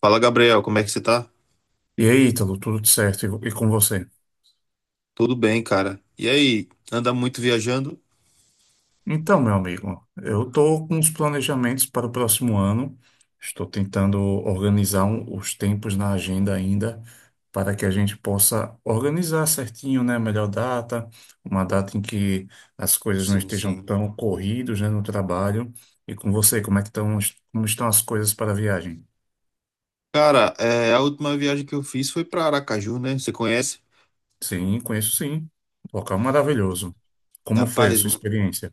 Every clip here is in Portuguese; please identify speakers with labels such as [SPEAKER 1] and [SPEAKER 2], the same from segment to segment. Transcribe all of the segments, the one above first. [SPEAKER 1] Fala, Gabriel, como é que você tá?
[SPEAKER 2] E aí, Ítalo, tudo certo? E com você?
[SPEAKER 1] Tudo bem, cara. E aí, anda muito viajando?
[SPEAKER 2] Então, meu amigo, eu estou com os planejamentos para o próximo ano. Estou tentando organizar os tempos na agenda ainda para que a gente possa organizar certinho, né? A melhor data, uma data em que as coisas não
[SPEAKER 1] Sim,
[SPEAKER 2] estejam
[SPEAKER 1] sim.
[SPEAKER 2] tão corridas, né, no trabalho. E com você, como é que estão, como estão as coisas para a viagem?
[SPEAKER 1] Cara, a última viagem que eu fiz foi pra Aracaju, né? Você conhece?
[SPEAKER 2] Sim, conheço sim. Local maravilhoso. Como foi a
[SPEAKER 1] Rapaz,
[SPEAKER 2] sua experiência?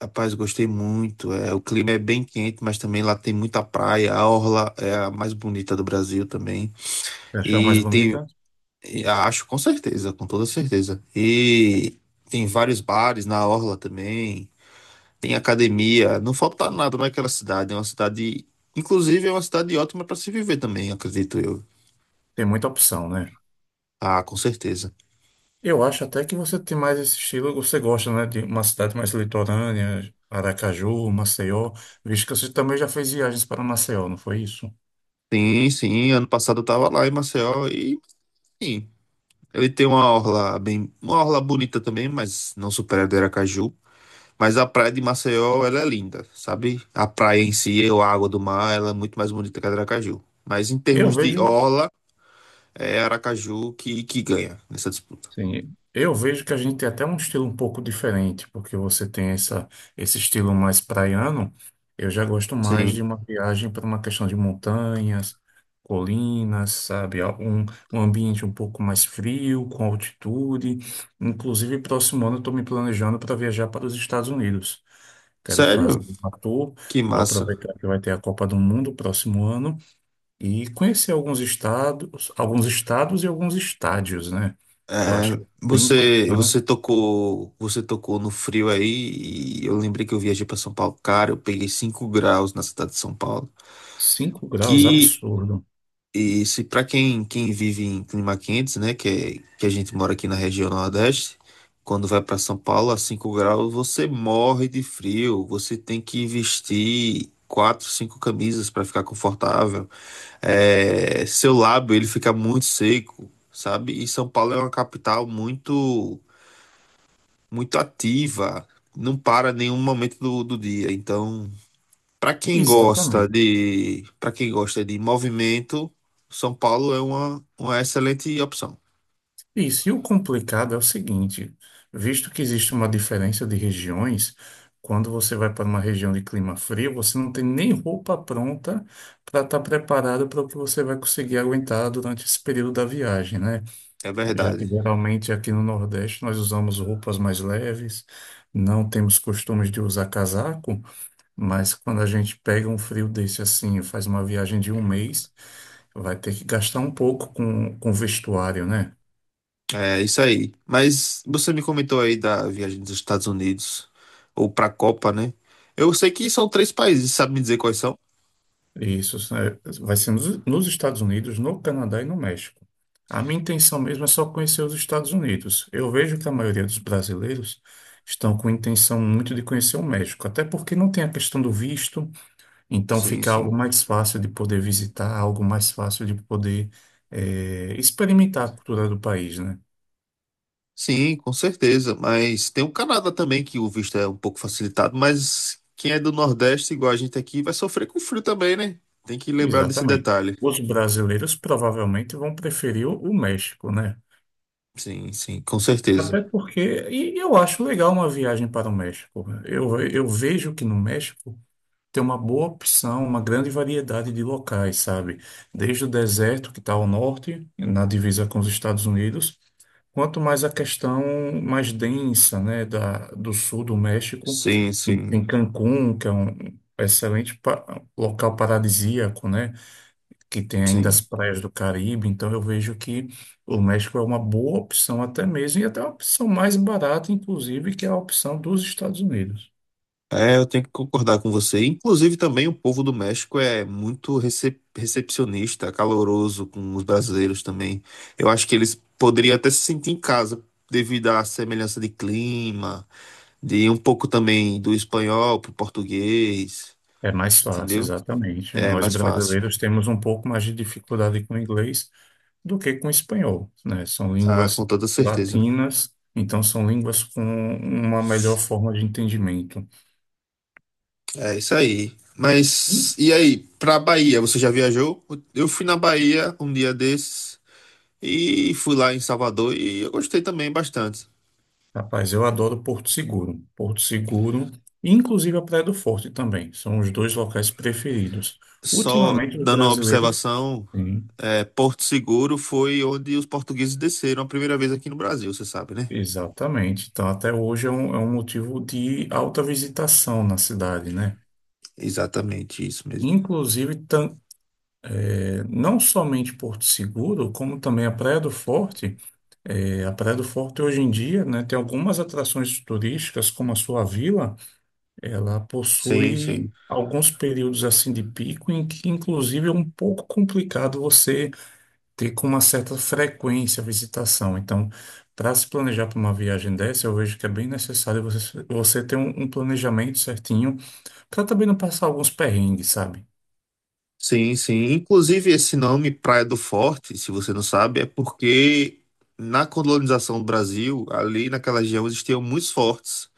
[SPEAKER 1] rapaz, gostei muito. O clima é bem quente, mas também lá tem muita praia. A orla é a mais bonita do Brasil também.
[SPEAKER 2] Você achou a mais
[SPEAKER 1] E tem,
[SPEAKER 2] bonita?
[SPEAKER 1] e acho com certeza, com toda certeza. E tem vários bares na orla também. Tem academia, não falta nada naquela cidade. Inclusive, é uma cidade ótima para se viver também, acredito eu.
[SPEAKER 2] Tem muita opção, né?
[SPEAKER 1] Ah, com certeza.
[SPEAKER 2] Eu acho até que você tem mais esse estilo, você gosta, né, de uma cidade mais litorânea, Aracaju, Maceió, visto que você também já fez viagens para Maceió, não foi isso?
[SPEAKER 1] Sim, sim. Ano passado eu tava lá em Maceió e, sim, ele tem uma orla bonita também, mas não supera a do Aracaju. Mas a praia de Maceió, ela é linda, sabe? A praia em si, ou a água do mar, ela é muito mais bonita que a do Aracaju. Mas em
[SPEAKER 2] Eu
[SPEAKER 1] termos de
[SPEAKER 2] vejo,
[SPEAKER 1] orla, é Aracaju que ganha nessa disputa.
[SPEAKER 2] sim, eu vejo que a gente tem até um estilo um pouco diferente, porque você tem esse estilo mais praiano, eu já gosto mais de
[SPEAKER 1] Sim.
[SPEAKER 2] uma viagem para uma questão de montanhas, colinas, sabe, um ambiente um pouco mais frio, com altitude, inclusive próximo ano eu estou me planejando para viajar para os Estados Unidos. Quero
[SPEAKER 1] Sério?
[SPEAKER 2] fazer um ator,
[SPEAKER 1] Que
[SPEAKER 2] vou
[SPEAKER 1] massa.
[SPEAKER 2] aproveitar que vai ter a Copa do Mundo próximo ano e conhecer alguns estados e alguns estádios, né? Eu acho
[SPEAKER 1] É,
[SPEAKER 2] que é bem importante.
[SPEAKER 1] você tocou no frio aí, e eu lembrei que eu viajei para São Paulo, cara, eu peguei 5 graus na cidade de São Paulo.
[SPEAKER 2] Cinco graus,
[SPEAKER 1] Que
[SPEAKER 2] absurdo.
[SPEAKER 1] e se para quem, quem vive em clima quentes, né, que a gente mora aqui na região Nordeste, quando vai para São Paulo a 5 graus, você morre de frio, você tem que vestir quatro, cinco camisas para ficar confortável. É, seu lábio ele fica muito seco, sabe? E São Paulo é uma capital muito ativa, não para nenhum momento do dia. Então,
[SPEAKER 2] Exatamente.
[SPEAKER 1] para quem gosta de movimento, São Paulo é uma excelente opção.
[SPEAKER 2] Isso. E o complicado é o seguinte, visto que existe uma diferença de regiões, quando você vai para uma região de clima frio, você não tem nem roupa pronta para estar preparado para o que você vai conseguir aguentar durante esse período da viagem, né?
[SPEAKER 1] É
[SPEAKER 2] Já que
[SPEAKER 1] verdade.
[SPEAKER 2] geralmente aqui no Nordeste nós usamos roupas mais leves, não temos costumes de usar casaco, mas quando a gente pega um frio desse assim, faz uma viagem de um mês, vai ter que gastar um pouco com vestuário, né?
[SPEAKER 1] É isso aí. Mas você me comentou aí da viagem dos Estados Unidos ou para a Copa, né? Eu sei que são três países, sabe me dizer quais são?
[SPEAKER 2] Isso né, vai ser nos Estados Unidos, no Canadá e no México. A minha intenção mesmo é só conhecer os Estados Unidos. Eu vejo que a maioria dos brasileiros estão com intenção muito de conhecer o México, até porque não tem a questão do visto. Então
[SPEAKER 1] Sim,
[SPEAKER 2] fica algo
[SPEAKER 1] sim.
[SPEAKER 2] mais fácil de poder visitar, algo mais fácil de poder experimentar a cultura do país, né?
[SPEAKER 1] Sim, com certeza. Mas tem o Canadá também, que o visto é um pouco facilitado, mas quem é do Nordeste, igual a gente aqui, vai sofrer com frio também, né? Tem que lembrar desse
[SPEAKER 2] Exatamente.
[SPEAKER 1] detalhe.
[SPEAKER 2] Os brasileiros provavelmente vão preferir o México, né?
[SPEAKER 1] Sim, sim, com certeza.
[SPEAKER 2] Até porque, e eu acho legal uma viagem para o México. Eu vejo que no México tem uma boa opção, uma grande variedade de locais, sabe? Desde o deserto, que está ao norte, na divisa com os Estados Unidos, quanto mais a questão mais densa, né, do sul do México,
[SPEAKER 1] Sim, sim,
[SPEAKER 2] em Cancún, que é um excelente local paradisíaco, né, que tem ainda as
[SPEAKER 1] sim.
[SPEAKER 2] praias do Caribe. Então eu vejo que o México é uma boa opção até mesmo, e até uma opção mais barata, inclusive, que é a opção dos Estados Unidos.
[SPEAKER 1] É, eu tenho que concordar com você. Inclusive, também o povo do México é muito recepcionista, caloroso com os brasileiros também. Eu acho que eles poderiam até se sentir em casa, devido à semelhança de clima, de um pouco também do espanhol pro português.
[SPEAKER 2] É mais fácil,
[SPEAKER 1] Entendeu?
[SPEAKER 2] exatamente.
[SPEAKER 1] É
[SPEAKER 2] Nós
[SPEAKER 1] mais fácil.
[SPEAKER 2] brasileiros temos um pouco mais de dificuldade com o inglês do que com o espanhol, né? São
[SPEAKER 1] Ah, com
[SPEAKER 2] línguas
[SPEAKER 1] toda certeza.
[SPEAKER 2] latinas, então são línguas com uma melhor forma de entendimento.
[SPEAKER 1] É isso aí.
[SPEAKER 2] E,
[SPEAKER 1] Mas, e aí, pra Bahia, você já viajou? Eu fui na Bahia um dia desses e fui lá em Salvador e eu gostei também bastante.
[SPEAKER 2] rapaz, eu adoro Porto Seguro. Porto Seguro, e inclusive a Praia do Forte também, são os dois locais preferidos.
[SPEAKER 1] Só
[SPEAKER 2] Ultimamente, os
[SPEAKER 1] dando uma
[SPEAKER 2] brasileiros,
[SPEAKER 1] observação,
[SPEAKER 2] sim,
[SPEAKER 1] é, Porto Seguro foi onde os portugueses desceram a primeira vez aqui no Brasil, você sabe, né?
[SPEAKER 2] exatamente. Então, até hoje é um motivo de alta visitação na cidade, né?
[SPEAKER 1] Exatamente isso mesmo.
[SPEAKER 2] Inclusive, não somente Porto Seguro, como também a Praia do Forte. É, a Praia do Forte hoje em dia, né, tem algumas atrações turísticas, como a sua vila, ela
[SPEAKER 1] Sim,
[SPEAKER 2] possui
[SPEAKER 1] sim.
[SPEAKER 2] alguns períodos assim de pico em que inclusive é um pouco complicado você ter com uma certa frequência a visitação. Então, para se planejar para uma viagem dessa, eu vejo que é bem necessário você ter um planejamento certinho para também não passar alguns perrengues, sabe?
[SPEAKER 1] Sim, sim. Inclusive, esse nome, Praia do Forte, se você não sabe, é porque na colonização do Brasil, ali naquela região, existiam muitos fortes.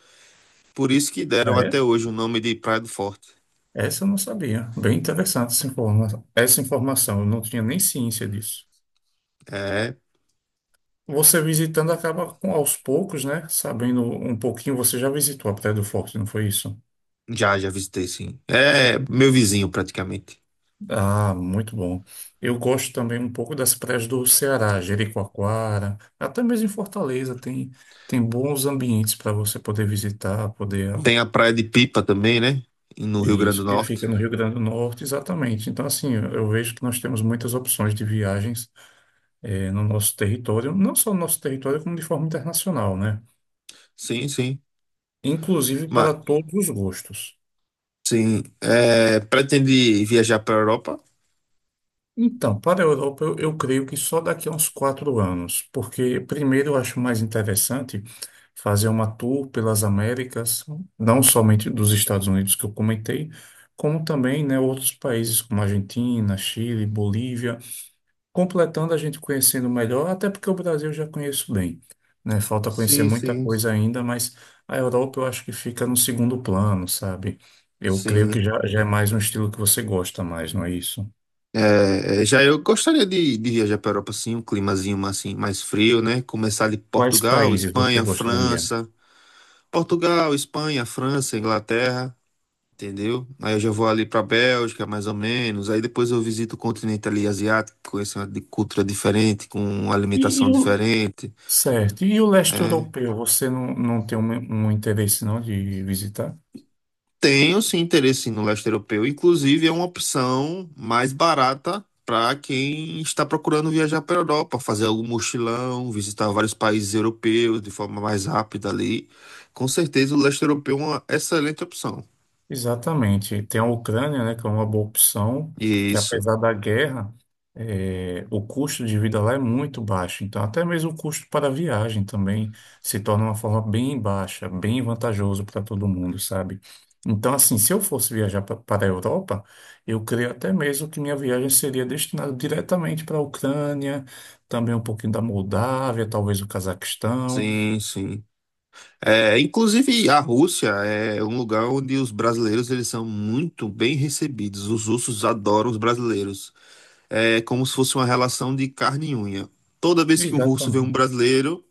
[SPEAKER 1] Por isso que deram até hoje o nome de Praia do Forte.
[SPEAKER 2] Essa eu não sabia. Bem interessante essa informação. Essa informação, eu não tinha nem ciência disso.
[SPEAKER 1] É,
[SPEAKER 2] Você visitando acaba com aos poucos, né? Sabendo um pouquinho, você já visitou a Praia do Forte, não foi isso?
[SPEAKER 1] já, já visitei, sim. É meu vizinho, praticamente.
[SPEAKER 2] Ah, muito bom. Eu gosto também um pouco das praias do Ceará, Jericoacoara, até mesmo em Fortaleza tem bons ambientes para você poder visitar, poder
[SPEAKER 1] Tem a Praia de Pipa também, né? No Rio Grande do
[SPEAKER 2] isso que
[SPEAKER 1] Norte.
[SPEAKER 2] fica no Rio Grande do Norte, exatamente. Então assim, eu vejo que nós temos muitas opções de viagens no nosso território, não só no nosso território, como de forma internacional, né?
[SPEAKER 1] Sim, sim.
[SPEAKER 2] Inclusive para
[SPEAKER 1] Mas,
[SPEAKER 2] todos os gostos.
[SPEAKER 1] sim. É, pretende viajar para a Europa?
[SPEAKER 2] Então, para a Europa, eu creio que só daqui a uns 4 anos, porque primeiro eu acho mais interessante fazer uma tour pelas Américas, não somente dos Estados Unidos que eu comentei, como também, né, outros países como Argentina, Chile, Bolívia. Completando a gente conhecendo melhor, até porque o Brasil eu já conheço bem, né? Falta conhecer
[SPEAKER 1] Sim,
[SPEAKER 2] muita
[SPEAKER 1] sim.
[SPEAKER 2] coisa ainda, mas a Europa eu acho que fica no segundo plano, sabe? Eu creio
[SPEAKER 1] Sim.
[SPEAKER 2] que já, já é mais um estilo que você gosta mais, não é isso?
[SPEAKER 1] É, já eu gostaria de viajar para a Europa, sim, um climazinho mais, assim, mais frio, né? Começar de
[SPEAKER 2] Quais
[SPEAKER 1] Portugal,
[SPEAKER 2] países você
[SPEAKER 1] Espanha,
[SPEAKER 2] gostaria?
[SPEAKER 1] França. Portugal, Espanha, França, Inglaterra, entendeu? Aí eu já vou ali para Bélgica, mais ou menos. Aí depois eu visito o continente ali asiático, conhecer uma cultura diferente, com uma
[SPEAKER 2] E,
[SPEAKER 1] alimentação
[SPEAKER 2] e o...
[SPEAKER 1] diferente.
[SPEAKER 2] Certo. E o leste
[SPEAKER 1] Né?
[SPEAKER 2] europeu, você não, não tem um interesse não de visitar?
[SPEAKER 1] Tenho sim interesse sim, no leste europeu. Inclusive, é uma opção mais barata para quem está procurando viajar para a Europa, fazer algum mochilão, visitar vários países europeus de forma mais rápida ali. Com certeza, o leste europeu é uma excelente opção.
[SPEAKER 2] Exatamente. Tem a Ucrânia, né, que é uma boa opção, porque
[SPEAKER 1] Isso,
[SPEAKER 2] apesar da guerra, o custo de vida lá é muito baixo. Então, até mesmo o custo para a viagem também se torna uma forma bem baixa, bem vantajoso para todo mundo, sabe? Então, assim, se eu fosse viajar para a Europa, eu creio até mesmo que minha viagem seria destinada diretamente para a Ucrânia, também um pouquinho da Moldávia, talvez o Cazaquistão.
[SPEAKER 1] sim, sim. É, inclusive, a Rússia é um lugar onde os brasileiros eles são muito bem recebidos. Os russos adoram os brasileiros. É como se fosse uma relação de carne e unha. Toda vez que um russo vê um
[SPEAKER 2] Exatamente.
[SPEAKER 1] brasileiro,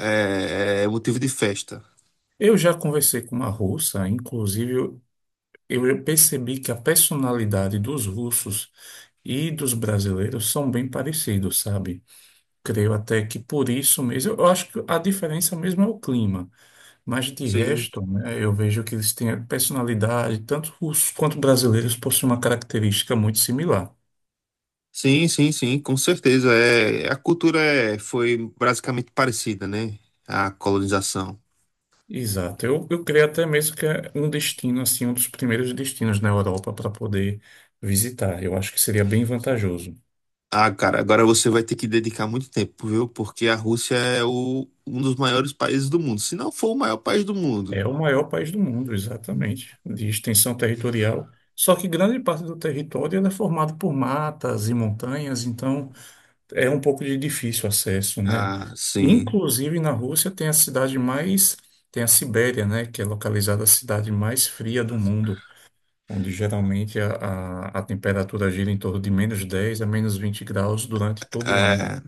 [SPEAKER 1] é, é motivo de festa.
[SPEAKER 2] Eu já conversei com uma russa, inclusive eu percebi que a personalidade dos russos e dos brasileiros são bem parecidos, sabe? Creio até que por isso mesmo, eu acho que a diferença mesmo é o clima, mas de
[SPEAKER 1] Sim,
[SPEAKER 2] resto, né, eu vejo que eles têm a personalidade, tanto russos quanto brasileiros possuem uma característica muito similar.
[SPEAKER 1] sim, sim, sim, com certeza. Foi basicamente parecida, né? A colonização.
[SPEAKER 2] Exato, eu creio até mesmo que é um destino, assim, um dos primeiros destinos na Europa para poder visitar. Eu acho que seria bem vantajoso.
[SPEAKER 1] Ah, cara, agora você vai ter que dedicar muito tempo, viu? Porque a Rússia é o, um dos maiores países do mundo, se não for o maior país do mundo.
[SPEAKER 2] É o maior país do mundo, exatamente, de extensão territorial. Só que grande parte do território ela é formado por matas e montanhas, então é um pouco de difícil acesso, né?
[SPEAKER 1] Ah, sim.
[SPEAKER 2] Inclusive na Rússia tem a cidade mais, tem a Sibéria, né? Que é localizada a cidade mais fria do mundo, onde geralmente a temperatura gira em torno de -10 a -20 graus durante todo o ano.
[SPEAKER 1] É,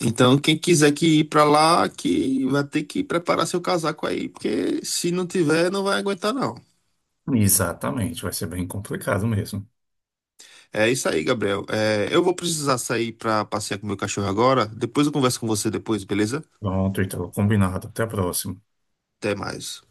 [SPEAKER 1] então, quem quiser que ir pra lá, que vai ter que preparar seu casaco aí, porque se não tiver, não vai aguentar, não.
[SPEAKER 2] Exatamente, vai ser bem complicado mesmo.
[SPEAKER 1] É isso aí, Gabriel. É, eu vou precisar sair para passear com meu cachorro agora. Depois eu converso com você depois, beleza?
[SPEAKER 2] Pronto, então, combinado. Até a próxima.
[SPEAKER 1] Até mais.